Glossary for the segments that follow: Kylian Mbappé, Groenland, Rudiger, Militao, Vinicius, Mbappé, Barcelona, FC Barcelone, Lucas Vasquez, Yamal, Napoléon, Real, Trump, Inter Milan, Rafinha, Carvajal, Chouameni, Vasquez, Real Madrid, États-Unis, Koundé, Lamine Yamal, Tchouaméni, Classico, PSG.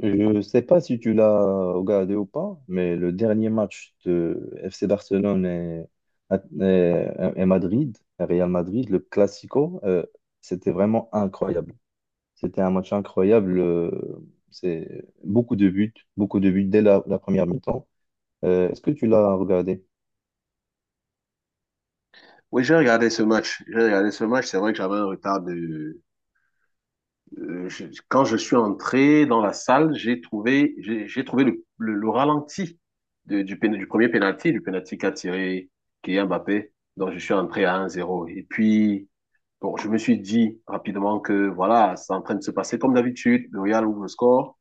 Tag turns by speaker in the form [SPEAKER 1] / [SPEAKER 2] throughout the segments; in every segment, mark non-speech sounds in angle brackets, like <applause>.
[SPEAKER 1] Je ne sais pas si tu l'as regardé ou pas, mais le dernier match de FC Barcelone et- et Madrid, et Real Madrid, le Classico, c'était vraiment incroyable. C'était un match incroyable. C'est beaucoup de buts dès la première mi-temps. Est-ce que tu l'as regardé?
[SPEAKER 2] Oui, j'ai regardé ce match. J'ai regardé ce match. C'est vrai que j'avais un retard de. Je- Quand je suis entré dans la salle, j'ai trouvé le ralenti du premier penalty, du penalty qu'a tiré Kylian Mbappé. Donc, je suis entré à un zéro. Et puis, bon, je me suis dit rapidement que voilà, c'est en train de se passer comme d'habitude. Le Real ouvre le score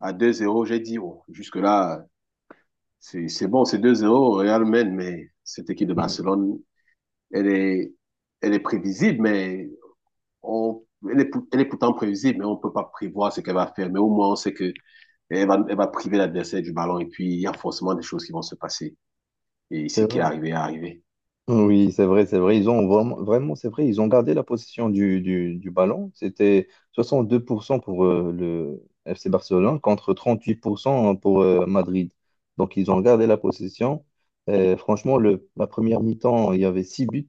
[SPEAKER 2] à deux zéro. J'ai dit, oh, jusque-là, c'est bon, c'est deux zéro. Le Real mène, mais cette équipe de
[SPEAKER 1] Mhm.
[SPEAKER 2] Barcelone, elle est elle est prévisible, mais on- elle est, elle est pourtant prévisible, mais on ne peut pas prévoir ce qu'elle va faire. Mais au moins, on sait que elle va priver l'adversaire du ballon et puis il y a forcément des choses qui vont se passer. Et ce
[SPEAKER 1] C'est
[SPEAKER 2] qui est
[SPEAKER 1] vrai.
[SPEAKER 2] arrivé est arrivé.
[SPEAKER 1] Oui, c'est vrai, c'est vrai. Ils ont vraiment, vraiment, c'est vrai, ils ont gardé la possession du ballon. C'était 62% pour cent pour le FC Barcelone contre 38% pour cent pour Madrid. Donc, ils ont gardé la possession. Et franchement, la première mi-temps, il y avait 6 buts.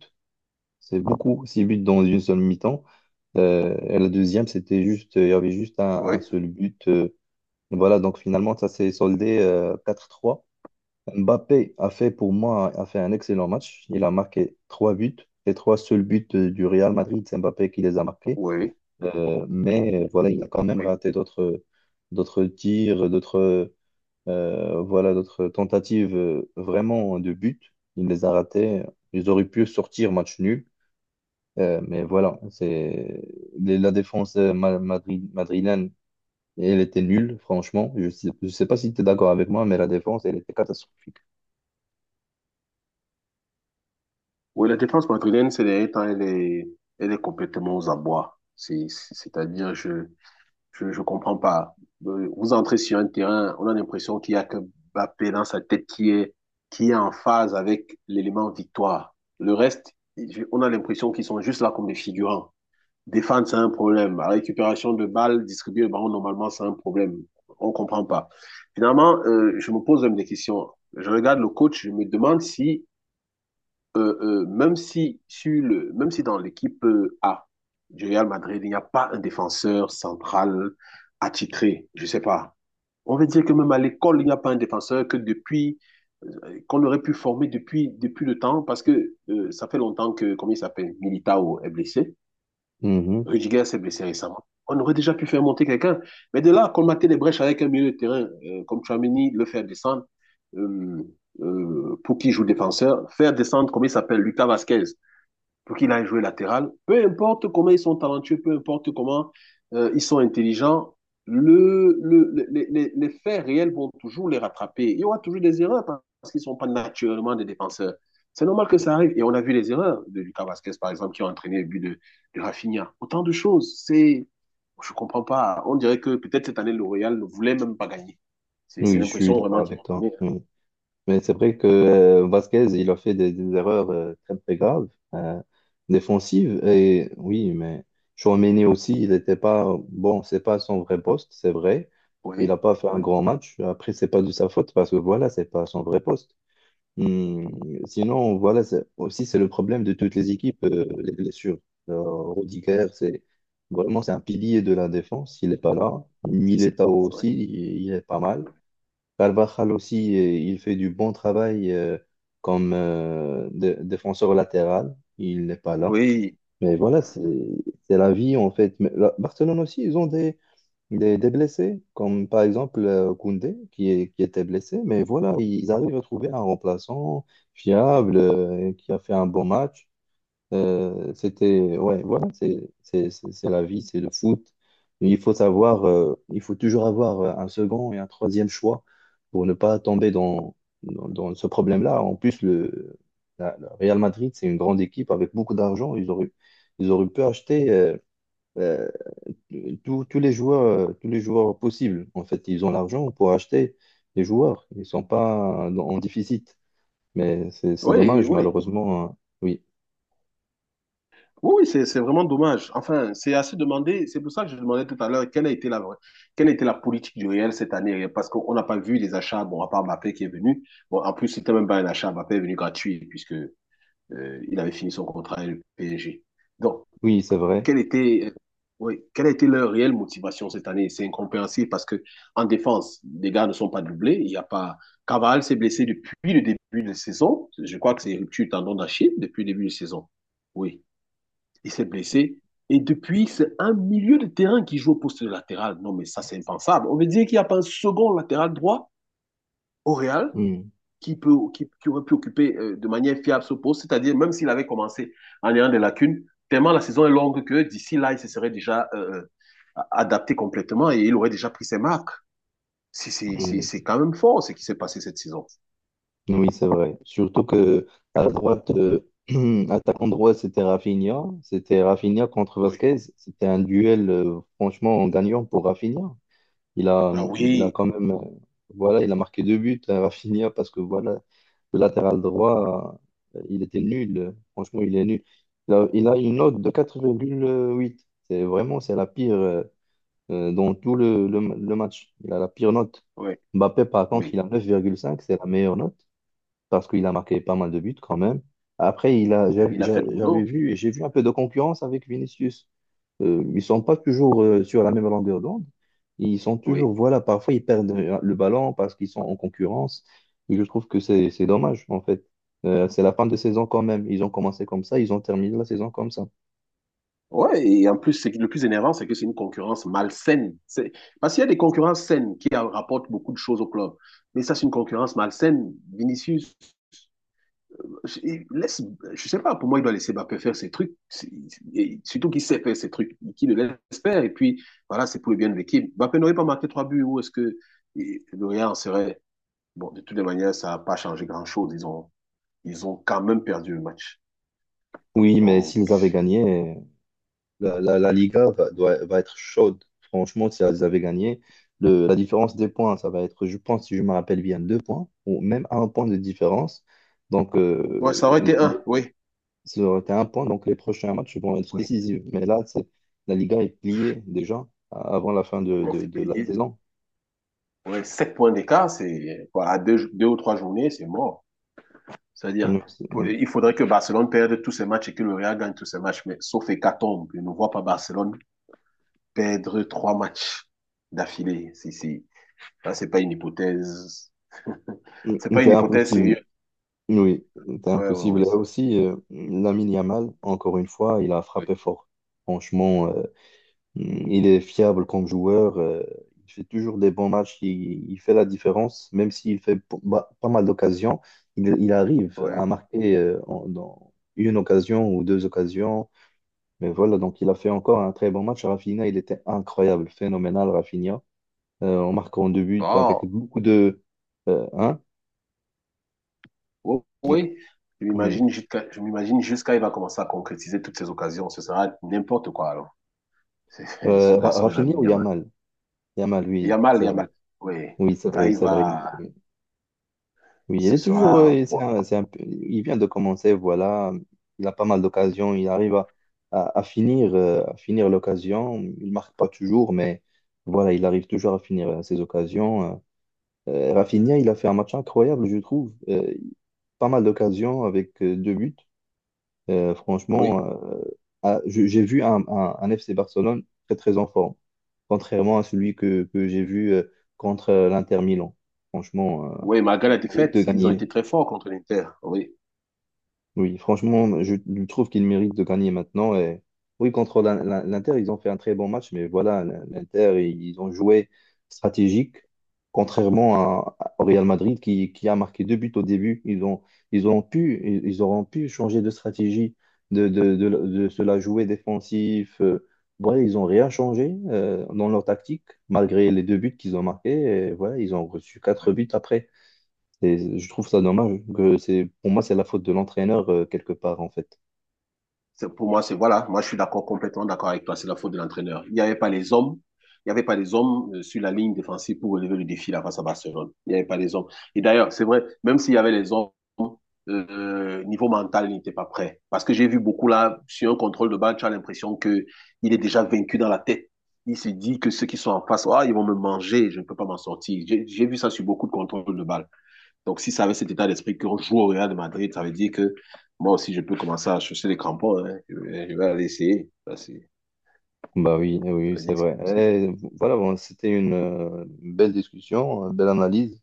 [SPEAKER 1] C'est beaucoup, 6 buts dans une seule mi-temps. Et la deuxième, c'était juste, il y avait juste
[SPEAKER 2] Oui,
[SPEAKER 1] un seul but. Voilà, donc finalement, ça s'est soldé 4-3. Mbappé a fait pour moi a fait un excellent match. Il a marqué trois buts. Les trois seuls buts du Real Madrid, c'est Mbappé qui les a marqués.
[SPEAKER 2] oui,
[SPEAKER 1] Mais voilà, il a quand même
[SPEAKER 2] oui.
[SPEAKER 1] raté d'autres tirs, d'autres voilà, d'autres tentatives vraiment de but. Il les a ratés. Ils auraient pu sortir match nul. Mais voilà, c'est la défense madrid, madrilène, elle était nulle, franchement. Je sais pas si tu es d'accord avec moi, mais la défense, elle était catastrophique.
[SPEAKER 2] Oui, la défense madrilène, ces derniers temps, elle est complètement aux abois. C'est-à-dire, je comprends pas. Vous entrez sur un terrain, on a l'impression qu'il y a que Mbappé dans sa tête qui est en phase avec l'élément victoire. Le reste, on a l'impression qu'ils sont juste là comme des figurants. Défendre, c'est un problème. La récupération de balles, distribuer le ballon, normalement, c'est un problème. On ne comprend pas. Finalement, je me pose même des questions. Je regarde le coach, je me demande si, même, si sur le, même si dans l'équipe A du Real Madrid, il n'y a pas un défenseur central attitré, je ne sais pas. On veut dire que même à l'école, il n'y a pas un défenseur que depuis qu'on aurait pu former depuis, depuis le temps, parce que ça fait longtemps que, comment il s'appelle, Militao est blessé.
[SPEAKER 1] Mhm.
[SPEAKER 2] Rudiger s'est blessé récemment. On aurait déjà pu faire monter quelqu'un. Mais de là, colmater les brèches avec un milieu de terrain comme Chouameni, le faire descendre, euh, pour qui joue défenseur, faire descendre, comment il s'appelle, Lucas Vasquez pour qu'il aille jouer latéral. Peu importe comment ils sont talentueux, peu importe comment ils sont intelligents, le faits réels vont toujours les rattraper. Il y aura toujours des erreurs parce qu'ils ne sont pas naturellement des défenseurs. C'est normal que ça arrive. Et on a vu les erreurs de Lucas Vasquez, par exemple, qui ont entraîné le but de Rafinha. Autant de choses. C'est, je ne comprends pas. On dirait que peut-être cette année, le Royal ne voulait même pas gagner. C'est
[SPEAKER 1] Oui, je suis
[SPEAKER 2] l'impression
[SPEAKER 1] d'accord
[SPEAKER 2] vraiment qu'ils
[SPEAKER 1] avec
[SPEAKER 2] m'ont
[SPEAKER 1] toi.
[SPEAKER 2] donnée.
[SPEAKER 1] Mm. Mais c'est vrai que Vasquez, il a fait des erreurs très, très graves, euh, défensives. Et oui, mais Tchouaméni aussi, il n'était pas... Bon, c'est pas son vrai poste, c'est vrai. Il
[SPEAKER 2] Oui,
[SPEAKER 1] n'a pas fait un
[SPEAKER 2] oui,
[SPEAKER 1] grand match. Après, c'est pas de sa faute parce que voilà, c'est pas son vrai poste. Mm. Sinon, voilà, aussi, c'est le problème de toutes les équipes, les blessures. Euh, Rudiger, c'est... Vraiment, c'est un pilier de la défense. Il n'est pas là.
[SPEAKER 2] c'est ça.
[SPEAKER 1] Militao
[SPEAKER 2] Oui,
[SPEAKER 1] aussi, il est pas mal. Carvajal aussi, il fait du bon travail comme défenseur latéral. Il n'est pas là.
[SPEAKER 2] oui,
[SPEAKER 1] Mais voilà, c'est la vie en fait. Mais Barcelone aussi, ils ont des blessés, comme par exemple Koundé qui, est, qui était blessé. Mais voilà, ils arrivent à trouver un remplaçant fiable qui a fait un bon match. C'était, ouais, voilà, c'est la vie, c'est le foot. Il faut savoir, il faut toujours avoir un second et un troisième choix pour ne pas tomber dans, dans ce problème-là. En plus, le Real Madrid, c'est une grande équipe avec beaucoup d'argent. Ils auraient pu acheter euh, tous tous les joueurs, tous les joueurs possibles. En fait, ils ont l'argent pour acheter les joueurs. Ils ne sont pas en déficit. Mais c'est
[SPEAKER 2] oui.
[SPEAKER 1] dommage,
[SPEAKER 2] Oui.
[SPEAKER 1] malheureusement, hein. Oui,
[SPEAKER 2] Oui, oui, c'est vraiment dommage. Enfin, c'est assez demandé. C'est pour ça que je demandais tout à l'heure quelle a été la politique du Real cette année, parce qu'on n'a pas vu les achats. Bon, à part Mbappé qui est venu. Bon, en plus, c'était même pas un achat. Mbappé est venu gratuit puisque il avait fini son contrat avec le PSG. Donc,
[SPEAKER 1] oui, c'est vrai.
[SPEAKER 2] quelle était, euh, oui, quelle a été leur réelle motivation cette année? C'est incompréhensible parce que en défense, les gars ne sont pas doublés. Il y a pas. Cavani s'est blessé depuis le début de la saison. Je crois que c'est rupture tendon d'Achille depuis le début de la saison. Oui. Il s'est blessé. Et depuis, c'est un milieu de terrain qui joue au poste de latéral. Non, mais ça, c'est impensable. On veut dire qu'il n'y a pas un second latéral droit au Real
[SPEAKER 1] Hmm.
[SPEAKER 2] qui aurait pu occuper de manière fiable ce poste. C'est-à-dire, même s'il avait commencé en ayant des lacunes, tellement la saison est longue que d'ici là, il se serait déjà adapté complètement et il aurait déjà pris ses marques.
[SPEAKER 1] Mm.
[SPEAKER 2] C'est quand même fort ce qui s'est passé cette saison.
[SPEAKER 1] Oui, c'est vrai. Surtout que à droite, <clears throat> attaquant droit, c'était Rafinha. C'était Rafinha contre
[SPEAKER 2] Oui.
[SPEAKER 1] Vasquez. C'était un duel, franchement, en gagnant pour Rafinha.
[SPEAKER 2] Ah
[SPEAKER 1] Il a
[SPEAKER 2] oui,
[SPEAKER 1] quand même, voilà, il a marqué deux buts à Rafinha parce que voilà, le latéral droit, il était nul. Franchement, il est nul. Il a une note de 4,8. C'est vraiment, c'est la pire, dans tout le match. Il a la pire note.
[SPEAKER 2] oui,
[SPEAKER 1] Mbappé, par contre, il
[SPEAKER 2] oui.
[SPEAKER 1] a 9,5, c'est la meilleure note, parce qu'il a marqué pas mal de buts quand même. Après, il a, j'av-
[SPEAKER 2] Il a
[SPEAKER 1] j'a-
[SPEAKER 2] fait le
[SPEAKER 1] j'avais
[SPEAKER 2] boulot.
[SPEAKER 1] vu, j'ai vu un peu de concurrence avec Vinicius. Ils sont pas toujours sur la même longueur d'onde. Ils sont
[SPEAKER 2] Oui.
[SPEAKER 1] toujours, voilà, parfois ils perdent le ballon parce qu'ils sont en concurrence. Et je trouve que c'est dommage, en fait. C'est la fin de saison quand même. Ils ont commencé comme ça, ils ont terminé la saison comme ça.
[SPEAKER 2] Ouais, et en plus, c'est que le plus énervant, c'est que c'est une concurrence malsaine. C'est... Parce qu'il y a des concurrences saines qui rapportent beaucoup de choses au club. Mais ça, c'est une concurrence malsaine. Vinicius, il laisse, je sais pas, pour moi, il doit laisser Mbappé faire ses trucs. C'est- et surtout qu'il sait faire ses trucs, qu'il le laisse faire. Et puis, voilà, c'est pour le bien de l'équipe. Mbappé n'aurait pas marqué trois buts. Où est-ce que et le en serait? Bon, de toutes les manières, ça n'a pas changé grand-chose. Ils ont quand même perdu le match.
[SPEAKER 1] Oui, mais s'ils
[SPEAKER 2] Donc,
[SPEAKER 1] avaient gagné, la Liga va, va être chaude. Franchement, si elles avaient gagné, la différence des points, ça va être, je pense, si je me rappelle bien, deux points ou même un point de différence. Donc,
[SPEAKER 2] ouais, ça aurait été un, oui.
[SPEAKER 1] ça aurait été un point. Donc, les prochains matchs vont être
[SPEAKER 2] Oui,
[SPEAKER 1] décisifs. Mais là, c'est- la Liga est pliée déjà avant la fin
[SPEAKER 2] on s'est
[SPEAKER 1] de la
[SPEAKER 2] plié.
[SPEAKER 1] saison.
[SPEAKER 2] Ouais, 7 points d'écart, c'est quoi, à deux ou trois journées, c'est mort. C'est-à-dire,
[SPEAKER 1] Non, c'est-
[SPEAKER 2] pour- il faudrait que Barcelone perde tous ses matchs et que le Real gagne tous ses matchs, mais sauf hécatombe, je ne vois pas Barcelone perdre trois matchs d'affilée. Si, si. Là, c'est pas une hypothèse. <laughs>
[SPEAKER 1] oui.
[SPEAKER 2] C'est pas une
[SPEAKER 1] C'était
[SPEAKER 2] hypothèse sérieuse.
[SPEAKER 1] impossible. Oui, c'était
[SPEAKER 2] Ouais, ouais,
[SPEAKER 1] impossible.
[SPEAKER 2] ouais.
[SPEAKER 1] Et aussi, Lamine Yamal, encore une fois, il a
[SPEAKER 2] Oui.
[SPEAKER 1] frappé fort. Franchement, il est fiable comme joueur. Il fait toujours des bons matchs. Il fait la différence. Même s'il fait pas mal d'occasions, il arrive à
[SPEAKER 2] Ouais.
[SPEAKER 1] marquer dans une occasion ou deux occasions. Mais voilà, donc il a fait encore un très bon match. Rafinha, il était incroyable, phénoménal, Rafinha. En marquant deux buts avec
[SPEAKER 2] Bon,
[SPEAKER 1] beaucoup de... hein?
[SPEAKER 2] oui, oui.
[SPEAKER 1] Oui.
[SPEAKER 2] Je m'imagine jusqu'à il va commencer à concrétiser toutes ces occasions. Ce sera n'importe quoi, alors. <laughs> C'est- Ce garçon de la
[SPEAKER 1] Rafinha
[SPEAKER 2] mine
[SPEAKER 1] ou Yamal? Yamal, oui,
[SPEAKER 2] Yamal,
[SPEAKER 1] c'est vrai.
[SPEAKER 2] Oui.
[SPEAKER 1] Oui, c'est
[SPEAKER 2] Quand
[SPEAKER 1] vrai,
[SPEAKER 2] il
[SPEAKER 1] c'est vrai.
[SPEAKER 2] va,
[SPEAKER 1] Oui, il
[SPEAKER 2] ce
[SPEAKER 1] est toujours,
[SPEAKER 2] sera.
[SPEAKER 1] il vient de commencer, voilà, il a pas mal d'occasions, il arrive à, à finir l'occasion, il marque pas toujours, mais voilà, il arrive toujours à finir ses occasions. Rafinha, il a fait un match incroyable, je trouve. Pas mal d'occasions avec deux buts.
[SPEAKER 2] Oui.
[SPEAKER 1] Franchement, ah, j'ai vu un FC Barcelone très très en forme, contrairement à celui que j'ai vu contre l'Inter Milan. Franchement,
[SPEAKER 2] Oui, malgré la
[SPEAKER 1] mérite de
[SPEAKER 2] défaite, ils ont
[SPEAKER 1] gagner.
[SPEAKER 2] été très forts contre l'Inter. Oui.
[SPEAKER 1] Oui, franchement, je trouve qu'il mérite de gagner maintenant. Et... Oui, contre l'Inter, ils ont fait un très bon match, mais voilà, l'Inter, ils ont joué stratégique, contrairement à, au Real Madrid qui a marqué deux buts au début. Ils ont pu, ils auront pu changer de stratégie, de se la jouer défensif. Voilà, ils n'ont rien changé dans leur tactique, malgré les deux buts qu'ils ont marqués. Et voilà, ils ont reçu quatre
[SPEAKER 2] Oui.
[SPEAKER 1] buts après. Et je trouve ça dommage que c'est, pour moi, c'est la faute de l'entraîneur quelque part, en fait.
[SPEAKER 2] Pour moi, c'est voilà, moi je suis complètement d'accord avec toi, c'est la faute de l'entraîneur. Il n'y avait pas les hommes sur la ligne défensive pour relever le défi là face à Barcelone. Il n'y avait pas les hommes. Et d'ailleurs, c'est vrai, même s'il y avait les hommes, niveau mental, il n'était pas prêt. Parce que j'ai vu beaucoup là, sur un contrôle de balle, tu as l'impression que il est déjà vaincu dans la tête. Il se dit que ceux qui sont en face, ah, ils vont me manger, je ne peux pas m'en sortir. J'ai vu ça sur beaucoup de contrôles de balle. Donc, si ça avait cet état d'esprit qu'on joue au Real de Madrid, ça veut dire que moi aussi, je peux commencer à chercher les crampons. Hein. Je vais aller essayer. Ça, c'est-
[SPEAKER 1] Bah oui,
[SPEAKER 2] ça
[SPEAKER 1] oui,
[SPEAKER 2] veut
[SPEAKER 1] c'est
[SPEAKER 2] dire que c'est
[SPEAKER 1] vrai.
[SPEAKER 2] possible.
[SPEAKER 1] Et voilà, bon, c'était une belle discussion, une belle analyse.